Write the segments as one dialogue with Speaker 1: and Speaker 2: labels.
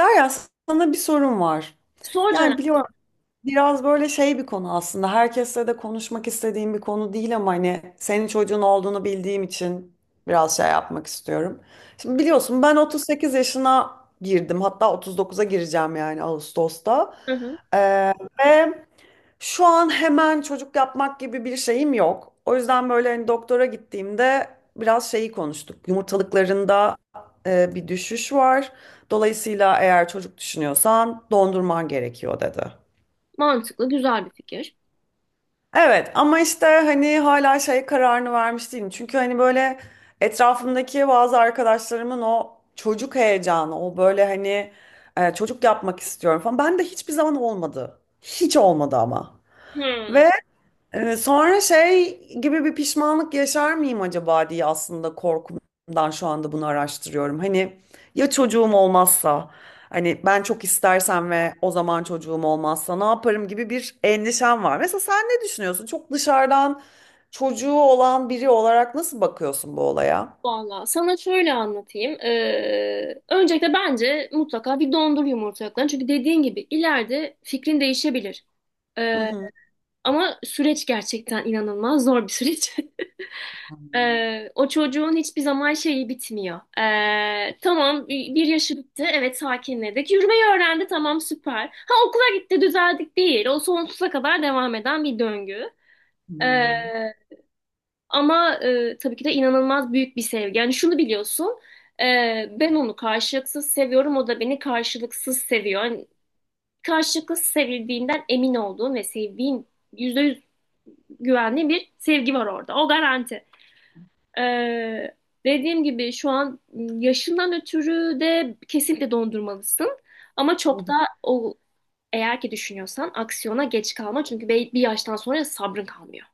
Speaker 1: Derya, sana bir sorum var.
Speaker 2: Sor.
Speaker 1: Yani biliyorum biraz böyle şey bir konu aslında. Herkesle de konuşmak istediğim bir konu değil ama hani senin çocuğun olduğunu bildiğim için biraz şey yapmak istiyorum. Şimdi biliyorsun ben 38 yaşına girdim. Hatta 39'a gireceğim yani Ağustos'ta.
Speaker 2: Hı hı.
Speaker 1: Ee, ve şu an hemen çocuk yapmak gibi bir şeyim yok. O yüzden böyle hani doktora gittiğimde biraz şeyi konuştuk. Yumurtalıklarında bir düşüş var. Dolayısıyla eğer çocuk düşünüyorsan dondurman gerekiyor dedi.
Speaker 2: Mantıklı, güzel bir fikir.
Speaker 1: Evet ama işte hani hala şey kararını vermiş değilim. Çünkü hani böyle etrafımdaki bazı arkadaşlarımın o çocuk heyecanı, o böyle hani çocuk yapmak istiyorum falan. Ben de hiçbir zaman olmadı. Hiç olmadı ama.
Speaker 2: Hmm.
Speaker 1: Ve sonra şey gibi bir pişmanlık yaşar mıyım acaba diye aslında korkumdan şu anda bunu araştırıyorum. Hani ya çocuğum olmazsa, hani ben çok istersem ve o zaman çocuğum olmazsa ne yaparım gibi bir endişem var. Mesela sen ne düşünüyorsun? Çok dışarıdan çocuğu olan biri olarak nasıl bakıyorsun bu olaya?
Speaker 2: Valla sana şöyle anlatayım. Öncelikle bence mutlaka bir dondur yumurtalıklarını. Çünkü dediğin gibi ileride fikrin değişebilir.
Speaker 1: Hı
Speaker 2: Ee,
Speaker 1: hı.
Speaker 2: Ama süreç gerçekten inanılmaz zor bir süreç. O çocuğun hiçbir zaman şeyi bitmiyor. Tamam, bir yaşı bitti. Evet, sakinledik. Yürümeyi öğrendi. Tamam, süper. Ha, okula gitti, düzeldik değil. O sonsuza kadar devam eden bir döngü.
Speaker 1: Hmm.
Speaker 2: Ama tabii ki de inanılmaz büyük bir sevgi. Yani şunu biliyorsun, e, ben onu karşılıksız seviyorum, o da beni karşılıksız seviyor. Yani karşılıksız sevildiğinden emin olduğum ve sevdiğim yüzde yüz güvenli bir sevgi var orada. O garanti. E, Dediğim gibi şu an yaşından ötürü de kesinlikle dondurmalısın. Ama
Speaker 1: Hı.
Speaker 2: çok da o, eğer ki düşünüyorsan aksiyona geç kalma, çünkü bir yaştan sonra sabrın kalmıyor.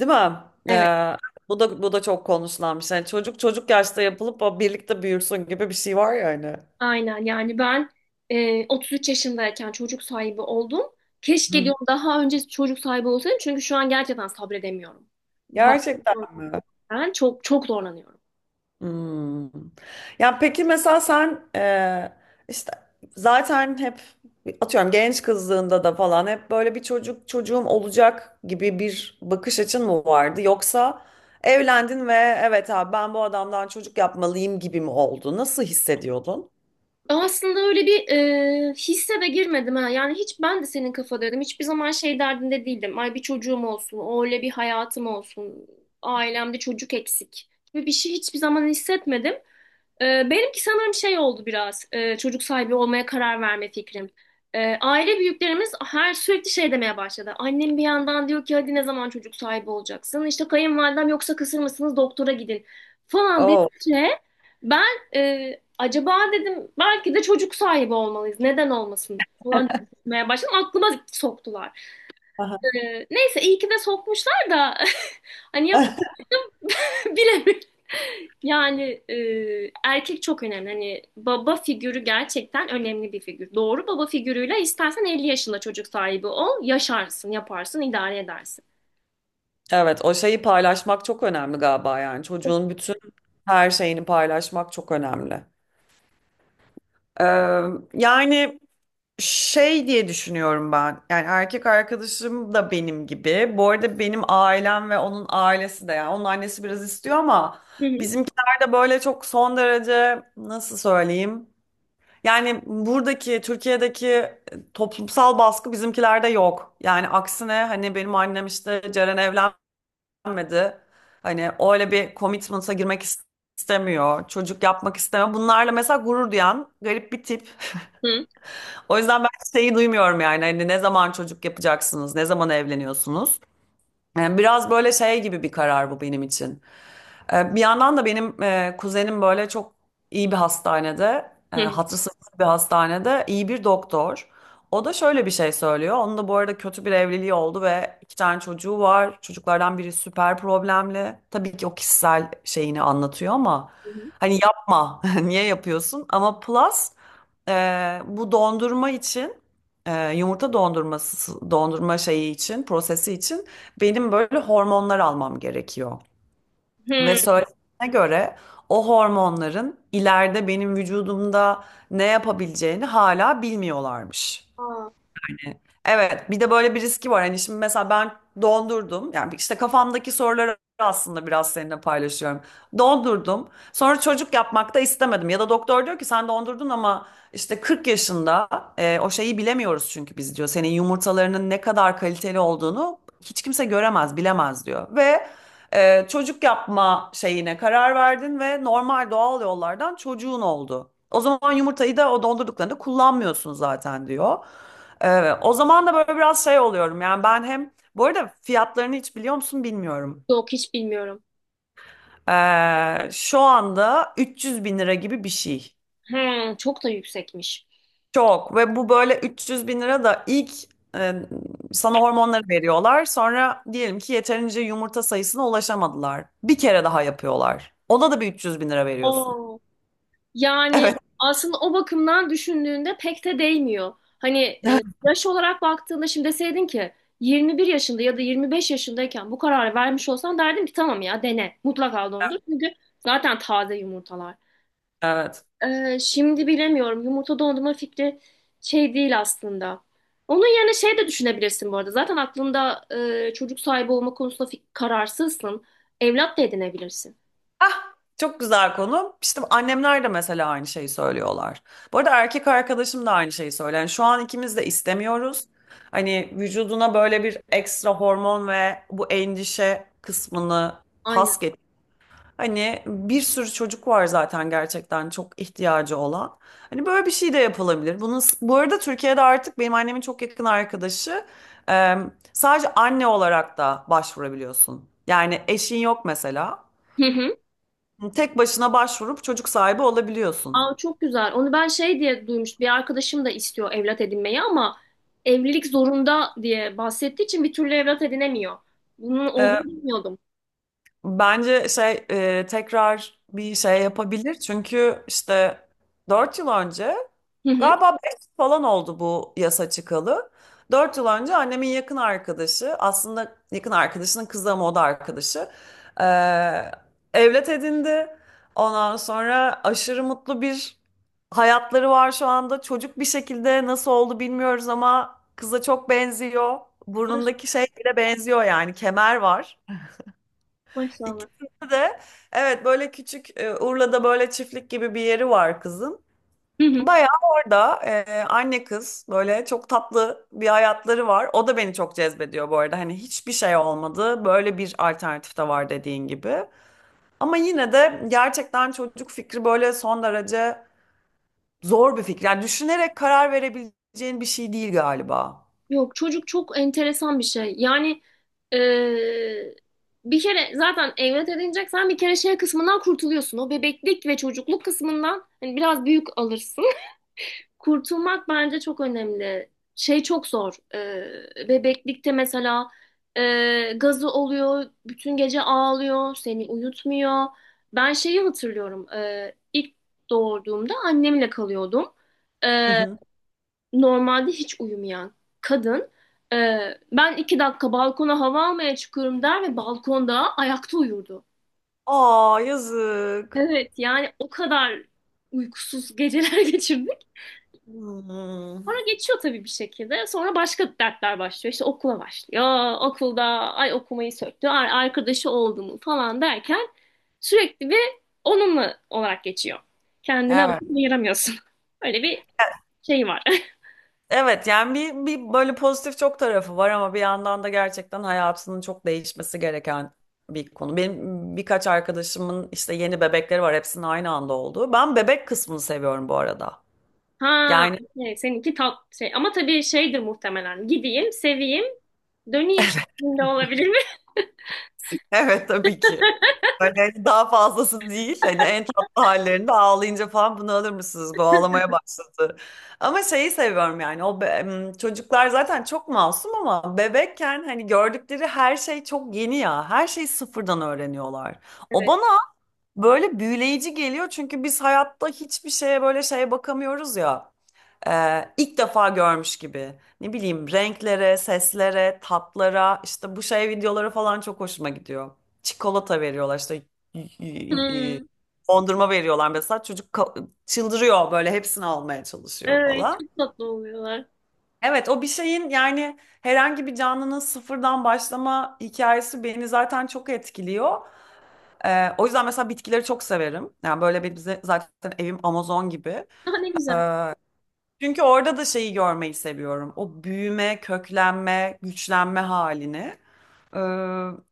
Speaker 1: Değil mi?
Speaker 2: Evet.
Speaker 1: Ee, bu da çok konuşulan bir şey. Yani çocuk yaşta yapılıp o birlikte büyürsün gibi bir şey var ya hani.
Speaker 2: Aynen, yani ben 33 yaşındayken çocuk sahibi oldum. Keşke diyorum daha önce çocuk sahibi olsaydım, çünkü şu an gerçekten sabredemiyorum.
Speaker 1: Gerçekten
Speaker 2: Bakıyorum,
Speaker 1: mi?
Speaker 2: ben çok çok zorlanıyorum.
Speaker 1: Hmm. Yani peki mesela sen işte zaten hep atıyorum genç kızlığında da falan hep böyle bir çocuğum olacak gibi bir bakış açın mı vardı? Yoksa evlendin ve evet abi ben bu adamdan çocuk yapmalıyım gibi mi oldu? Nasıl hissediyordun?
Speaker 2: Aslında öyle bir hisse de girmedim ha. Yani hiç ben de senin kafadaydım. Hiçbir zaman şey derdinde değildim. Ay, bir çocuğum olsun, öyle bir hayatım olsun, ailemde çocuk eksik gibi bir şey hiçbir zaman hissetmedim. Benimki sanırım şey oldu biraz, çocuk sahibi olmaya karar verme fikrim. Aile büyüklerimiz her sürekli şey demeye başladı. Annem bir yandan diyor ki hadi ne zaman çocuk sahibi olacaksın? İşte kayınvalidem yoksa kısır mısınız doktora gidin falan
Speaker 1: Oo.
Speaker 2: dedikçe ben acaba dedim, belki de çocuk sahibi olmalıyız, neden olmasın falan demeye başladım, aklıma soktular.
Speaker 1: Aha.
Speaker 2: Neyse, iyi ki de sokmuşlar da hani yap bilemiyorum. Yani erkek çok önemli. Hani baba figürü gerçekten önemli bir figür. Doğru baba figürüyle istersen 50 yaşında çocuk sahibi ol, yaşarsın, yaparsın, idare edersin.
Speaker 1: Evet, o şeyi paylaşmak çok önemli galiba yani çocuğun bütün her şeyini paylaşmak çok önemli. Ee, yani. Şey diye düşünüyorum ben. Yani erkek arkadaşım da benim gibi. Bu arada benim ailem ve onun ailesi de yani onun annesi biraz istiyor ama
Speaker 2: Hı hı.
Speaker 1: bizimkiler de böyle çok son derece nasıl söyleyeyim? Yani buradaki Türkiye'deki toplumsal baskı bizimkilerde yok. Yani aksine hani benim annem işte Ceren evlenmedi, hani öyle bir commitment'a girmek istemiyor, çocuk yapmak istemiyor. Bunlarla mesela gurur duyan garip bir tip.
Speaker 2: Hı
Speaker 1: O yüzden ben şeyi duymuyorum yani hani ne zaman çocuk yapacaksınız, ne zaman evleniyorsunuz? Yani biraz böyle şey gibi bir karar bu benim için. Bir yandan da benim kuzenim böyle çok iyi bir hastanede,
Speaker 2: hı.
Speaker 1: hatırı sızlı bir hastanede iyi bir doktor. O da şöyle bir şey söylüyor. Onun da bu arada kötü bir evliliği oldu ve iki tane çocuğu var. Çocuklardan biri süper problemli. Tabii ki o kişisel şeyini anlatıyor ama
Speaker 2: Hı hı.
Speaker 1: hani yapma, niye yapıyorsun? Ama plus bu dondurma için yumurta dondurması dondurma şeyi için prosesi için benim böyle hormonlar almam gerekiyor. Ve
Speaker 2: Hı.
Speaker 1: söylediğine göre o hormonların ileride benim vücudumda ne yapabileceğini hala bilmiyorlarmış.
Speaker 2: Aa.
Speaker 1: Evet, bir de böyle bir riski var. Hani şimdi mesela ben dondurdum. Yani işte kafamdaki soruları aslında biraz seninle paylaşıyorum. Dondurdum. Sonra çocuk yapmak da istemedim. Ya da doktor diyor ki sen dondurdun ama işte 40 yaşında o şeyi bilemiyoruz çünkü biz diyor. Senin yumurtalarının ne kadar kaliteli olduğunu hiç kimse göremez, bilemez diyor. Ve çocuk yapma şeyine karar verdin ve normal doğal yollardan çocuğun oldu. O zaman yumurtayı da o dondurduklarında kullanmıyorsun zaten diyor. O zaman da böyle biraz şey oluyorum. Yani ben hem bu arada fiyatlarını hiç biliyor musun bilmiyorum.
Speaker 2: Yok, hiç bilmiyorum.
Speaker 1: Şu anda 300 bin lira gibi bir şey.
Speaker 2: Hı, çok da yüksekmiş.
Speaker 1: Çok, ve bu böyle 300 bin lira da ilk e, sana hormonları veriyorlar. Sonra diyelim ki yeterince yumurta sayısına ulaşamadılar, bir kere daha yapıyorlar. Ona da bir 300 bin lira veriyorsun.
Speaker 2: Aa. Yani
Speaker 1: Evet.
Speaker 2: aslında o bakımdan düşündüğünde pek de değmiyor. Hani yaş olarak baktığında şimdi deseydin ki 21 yaşında ya da 25 yaşındayken bu kararı vermiş olsan derdim ki tamam ya, dene, mutlaka dondur. Çünkü zaten taze yumurtalar.
Speaker 1: Evet.
Speaker 2: Şimdi bilemiyorum, yumurta dondurma fikri şey değil aslında. Onun yerine şey de düşünebilirsin bu arada. Zaten aklında çocuk sahibi olma konusunda kararsızsın. Evlat da edinebilirsin.
Speaker 1: Ah, çok güzel konu. İşte annemler de mesela aynı şeyi söylüyorlar. Bu arada erkek arkadaşım da aynı şeyi söylüyor. Yani şu an ikimiz de istemiyoruz. Hani vücuduna böyle bir ekstra hormon ve bu endişe kısmını
Speaker 2: Aynen.
Speaker 1: pas geç. Hani bir sürü çocuk var zaten gerçekten çok ihtiyacı olan. Hani böyle bir şey de yapılabilir. Bunun, bu arada Türkiye'de artık benim annemin çok yakın arkadaşı, sadece anne olarak da başvurabiliyorsun. Yani eşin yok mesela,
Speaker 2: Hı hı.
Speaker 1: tek başına başvurup çocuk sahibi olabiliyorsun.
Speaker 2: Aa, çok güzel. Onu ben şey diye duymuş. Bir arkadaşım da istiyor evlat edinmeyi, ama evlilik zorunda diye bahsettiği için bir türlü evlat edinemiyor. Bunun
Speaker 1: Ee,
Speaker 2: olduğunu bilmiyordum.
Speaker 1: Bence şey tekrar bir şey yapabilir. Çünkü işte 4 yıl önce,
Speaker 2: Hı hı.
Speaker 1: galiba 5 falan oldu bu yasa çıkalı. 4 yıl önce annemin yakın arkadaşı, aslında yakın arkadaşının kızı ama o da arkadaşı, eee, evlat edindi. Ondan sonra aşırı mutlu bir hayatları var şu anda. Çocuk bir şekilde nasıl oldu bilmiyoruz ama kıza çok benziyor.
Speaker 2: Ay,
Speaker 1: Burnundaki şey bile benziyor, yani kemer var
Speaker 2: maşallah.
Speaker 1: İkisinde de. Evet, böyle küçük Urla'da böyle çiftlik gibi bir yeri var kızın.
Speaker 2: Hı hı.
Speaker 1: Bayağı orada anne kız böyle çok tatlı bir hayatları var. O da beni çok cezbediyor bu arada. Hani hiçbir şey olmadı, böyle bir alternatif de var dediğin gibi. Ama yine de gerçekten çocuk fikri böyle son derece zor bir fikir. Yani düşünerek karar verebileceğin bir şey değil galiba.
Speaker 2: Yok, çocuk çok enteresan bir şey. Yani eee, bir kere zaten evlat edineceksen bir kere şey kısmından kurtuluyorsun. O bebeklik ve çocukluk kısmından hani biraz büyük alırsın. Kurtulmak bence çok önemli. Şey çok zor. Bebeklikte mesela gazı oluyor, bütün gece ağlıyor, seni uyutmuyor. Ben şeyi hatırlıyorum. İlk doğurduğumda annemle kalıyordum.
Speaker 1: Hı
Speaker 2: Ee,
Speaker 1: hı.
Speaker 2: Normalde hiç uyumayan kadın. e, Ben iki dakika balkona hava almaya çıkıyorum der ve balkonda ayakta uyurdu.
Speaker 1: Aa, yazık.
Speaker 2: Evet, yani o kadar uykusuz geceler geçirdim.
Speaker 1: Hmm.
Speaker 2: Sonra geçiyor tabii bir şekilde. Sonra başka dertler başlıyor. İşte okula başlıyor. Okulda ay okumayı söktü, ay arkadaşı oldu mu falan derken sürekli bir onunla olarak geçiyor. Kendine
Speaker 1: Evet.
Speaker 2: vakit ayıramıyorsun. Öyle bir şey var.
Speaker 1: Evet yani bir böyle pozitif çok tarafı var ama bir yandan da gerçekten hayatının çok değişmesi gereken bir konu. Benim birkaç arkadaşımın işte yeni bebekleri var, hepsinin aynı anda olduğu. Ben bebek kısmını seviyorum bu arada.
Speaker 2: Ha,
Speaker 1: Yani
Speaker 2: okey. Seninki tat şey. Ama tabii şeydir muhtemelen. Gideyim, seveyim, döneyim şeklinde olabilir mi?
Speaker 1: evet tabii ki. Böyle hani daha fazlası değil. Hani en tatlı hallerinde, ağlayınca falan bunu alır mısınız, bu ağlamaya başladı. Ama şeyi seviyorum yani. Çocuklar zaten çok masum ama bebekken hani gördükleri her şey çok yeni ya. Her şeyi sıfırdan öğreniyorlar. O
Speaker 2: Evet.
Speaker 1: bana böyle büyüleyici geliyor çünkü biz hayatta hiçbir şeye böyle şeye bakamıyoruz ya, ilk defa görmüş gibi. Ne bileyim, renklere, seslere, tatlara, işte bu şey videoları falan çok hoşuma gidiyor. Çikolata veriyorlar işte, y- y- y-
Speaker 2: Hmm.
Speaker 1: dondurma veriyorlar mesela, çocuk çıldırıyor, böyle hepsini almaya çalışıyor
Speaker 2: Evet,
Speaker 1: falan.
Speaker 2: çok tatlı oluyorlar.
Speaker 1: Evet, o bir şeyin yani herhangi bir canlının sıfırdan başlama hikayesi beni zaten çok etkiliyor. O yüzden mesela bitkileri çok severim. Yani böyle bir bize zaten evim Amazon gibi.
Speaker 2: Daha ne güzel.
Speaker 1: Ee, çünkü orada da şeyi görmeyi seviyorum: o büyüme, köklenme, güçlenme halini. Ee,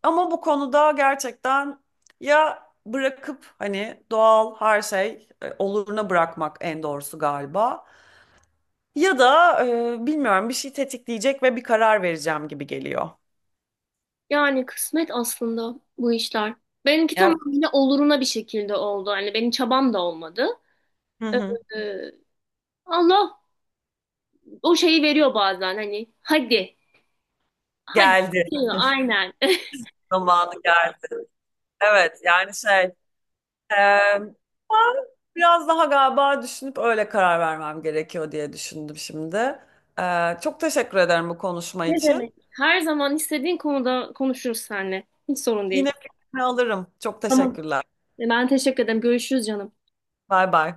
Speaker 1: ama bu konuda gerçekten ya bırakıp hani doğal her şey oluruna bırakmak en doğrusu galiba. Ya da bilmiyorum, bir şey tetikleyecek ve bir karar vereceğim gibi geliyor.
Speaker 2: Yani kısmet aslında bu işler. Benimki
Speaker 1: Evet.
Speaker 2: tamamıyla oluruna bir şekilde oldu. Hani benim çabam da olmadı.
Speaker 1: Hı
Speaker 2: Ee,
Speaker 1: hı.
Speaker 2: Allah o şeyi veriyor bazen hani hadi, hadi
Speaker 1: Geldi.
Speaker 2: diyor aynen.
Speaker 1: Zamanı geldi. Evet yani şey, Ee, Biraz daha galiba düşünüp öyle karar vermem gerekiyor diye düşündüm şimdi. Çok teşekkür ederim bu konuşma
Speaker 2: Ne demek?
Speaker 1: için.
Speaker 2: Her zaman istediğin konuda konuşuruz seninle. Hiç sorun
Speaker 1: Yine
Speaker 2: değil.
Speaker 1: fikrini alırım. Çok
Speaker 2: Tamam.
Speaker 1: teşekkürler.
Speaker 2: E, ben teşekkür ederim. Görüşürüz canım.
Speaker 1: Bay bay.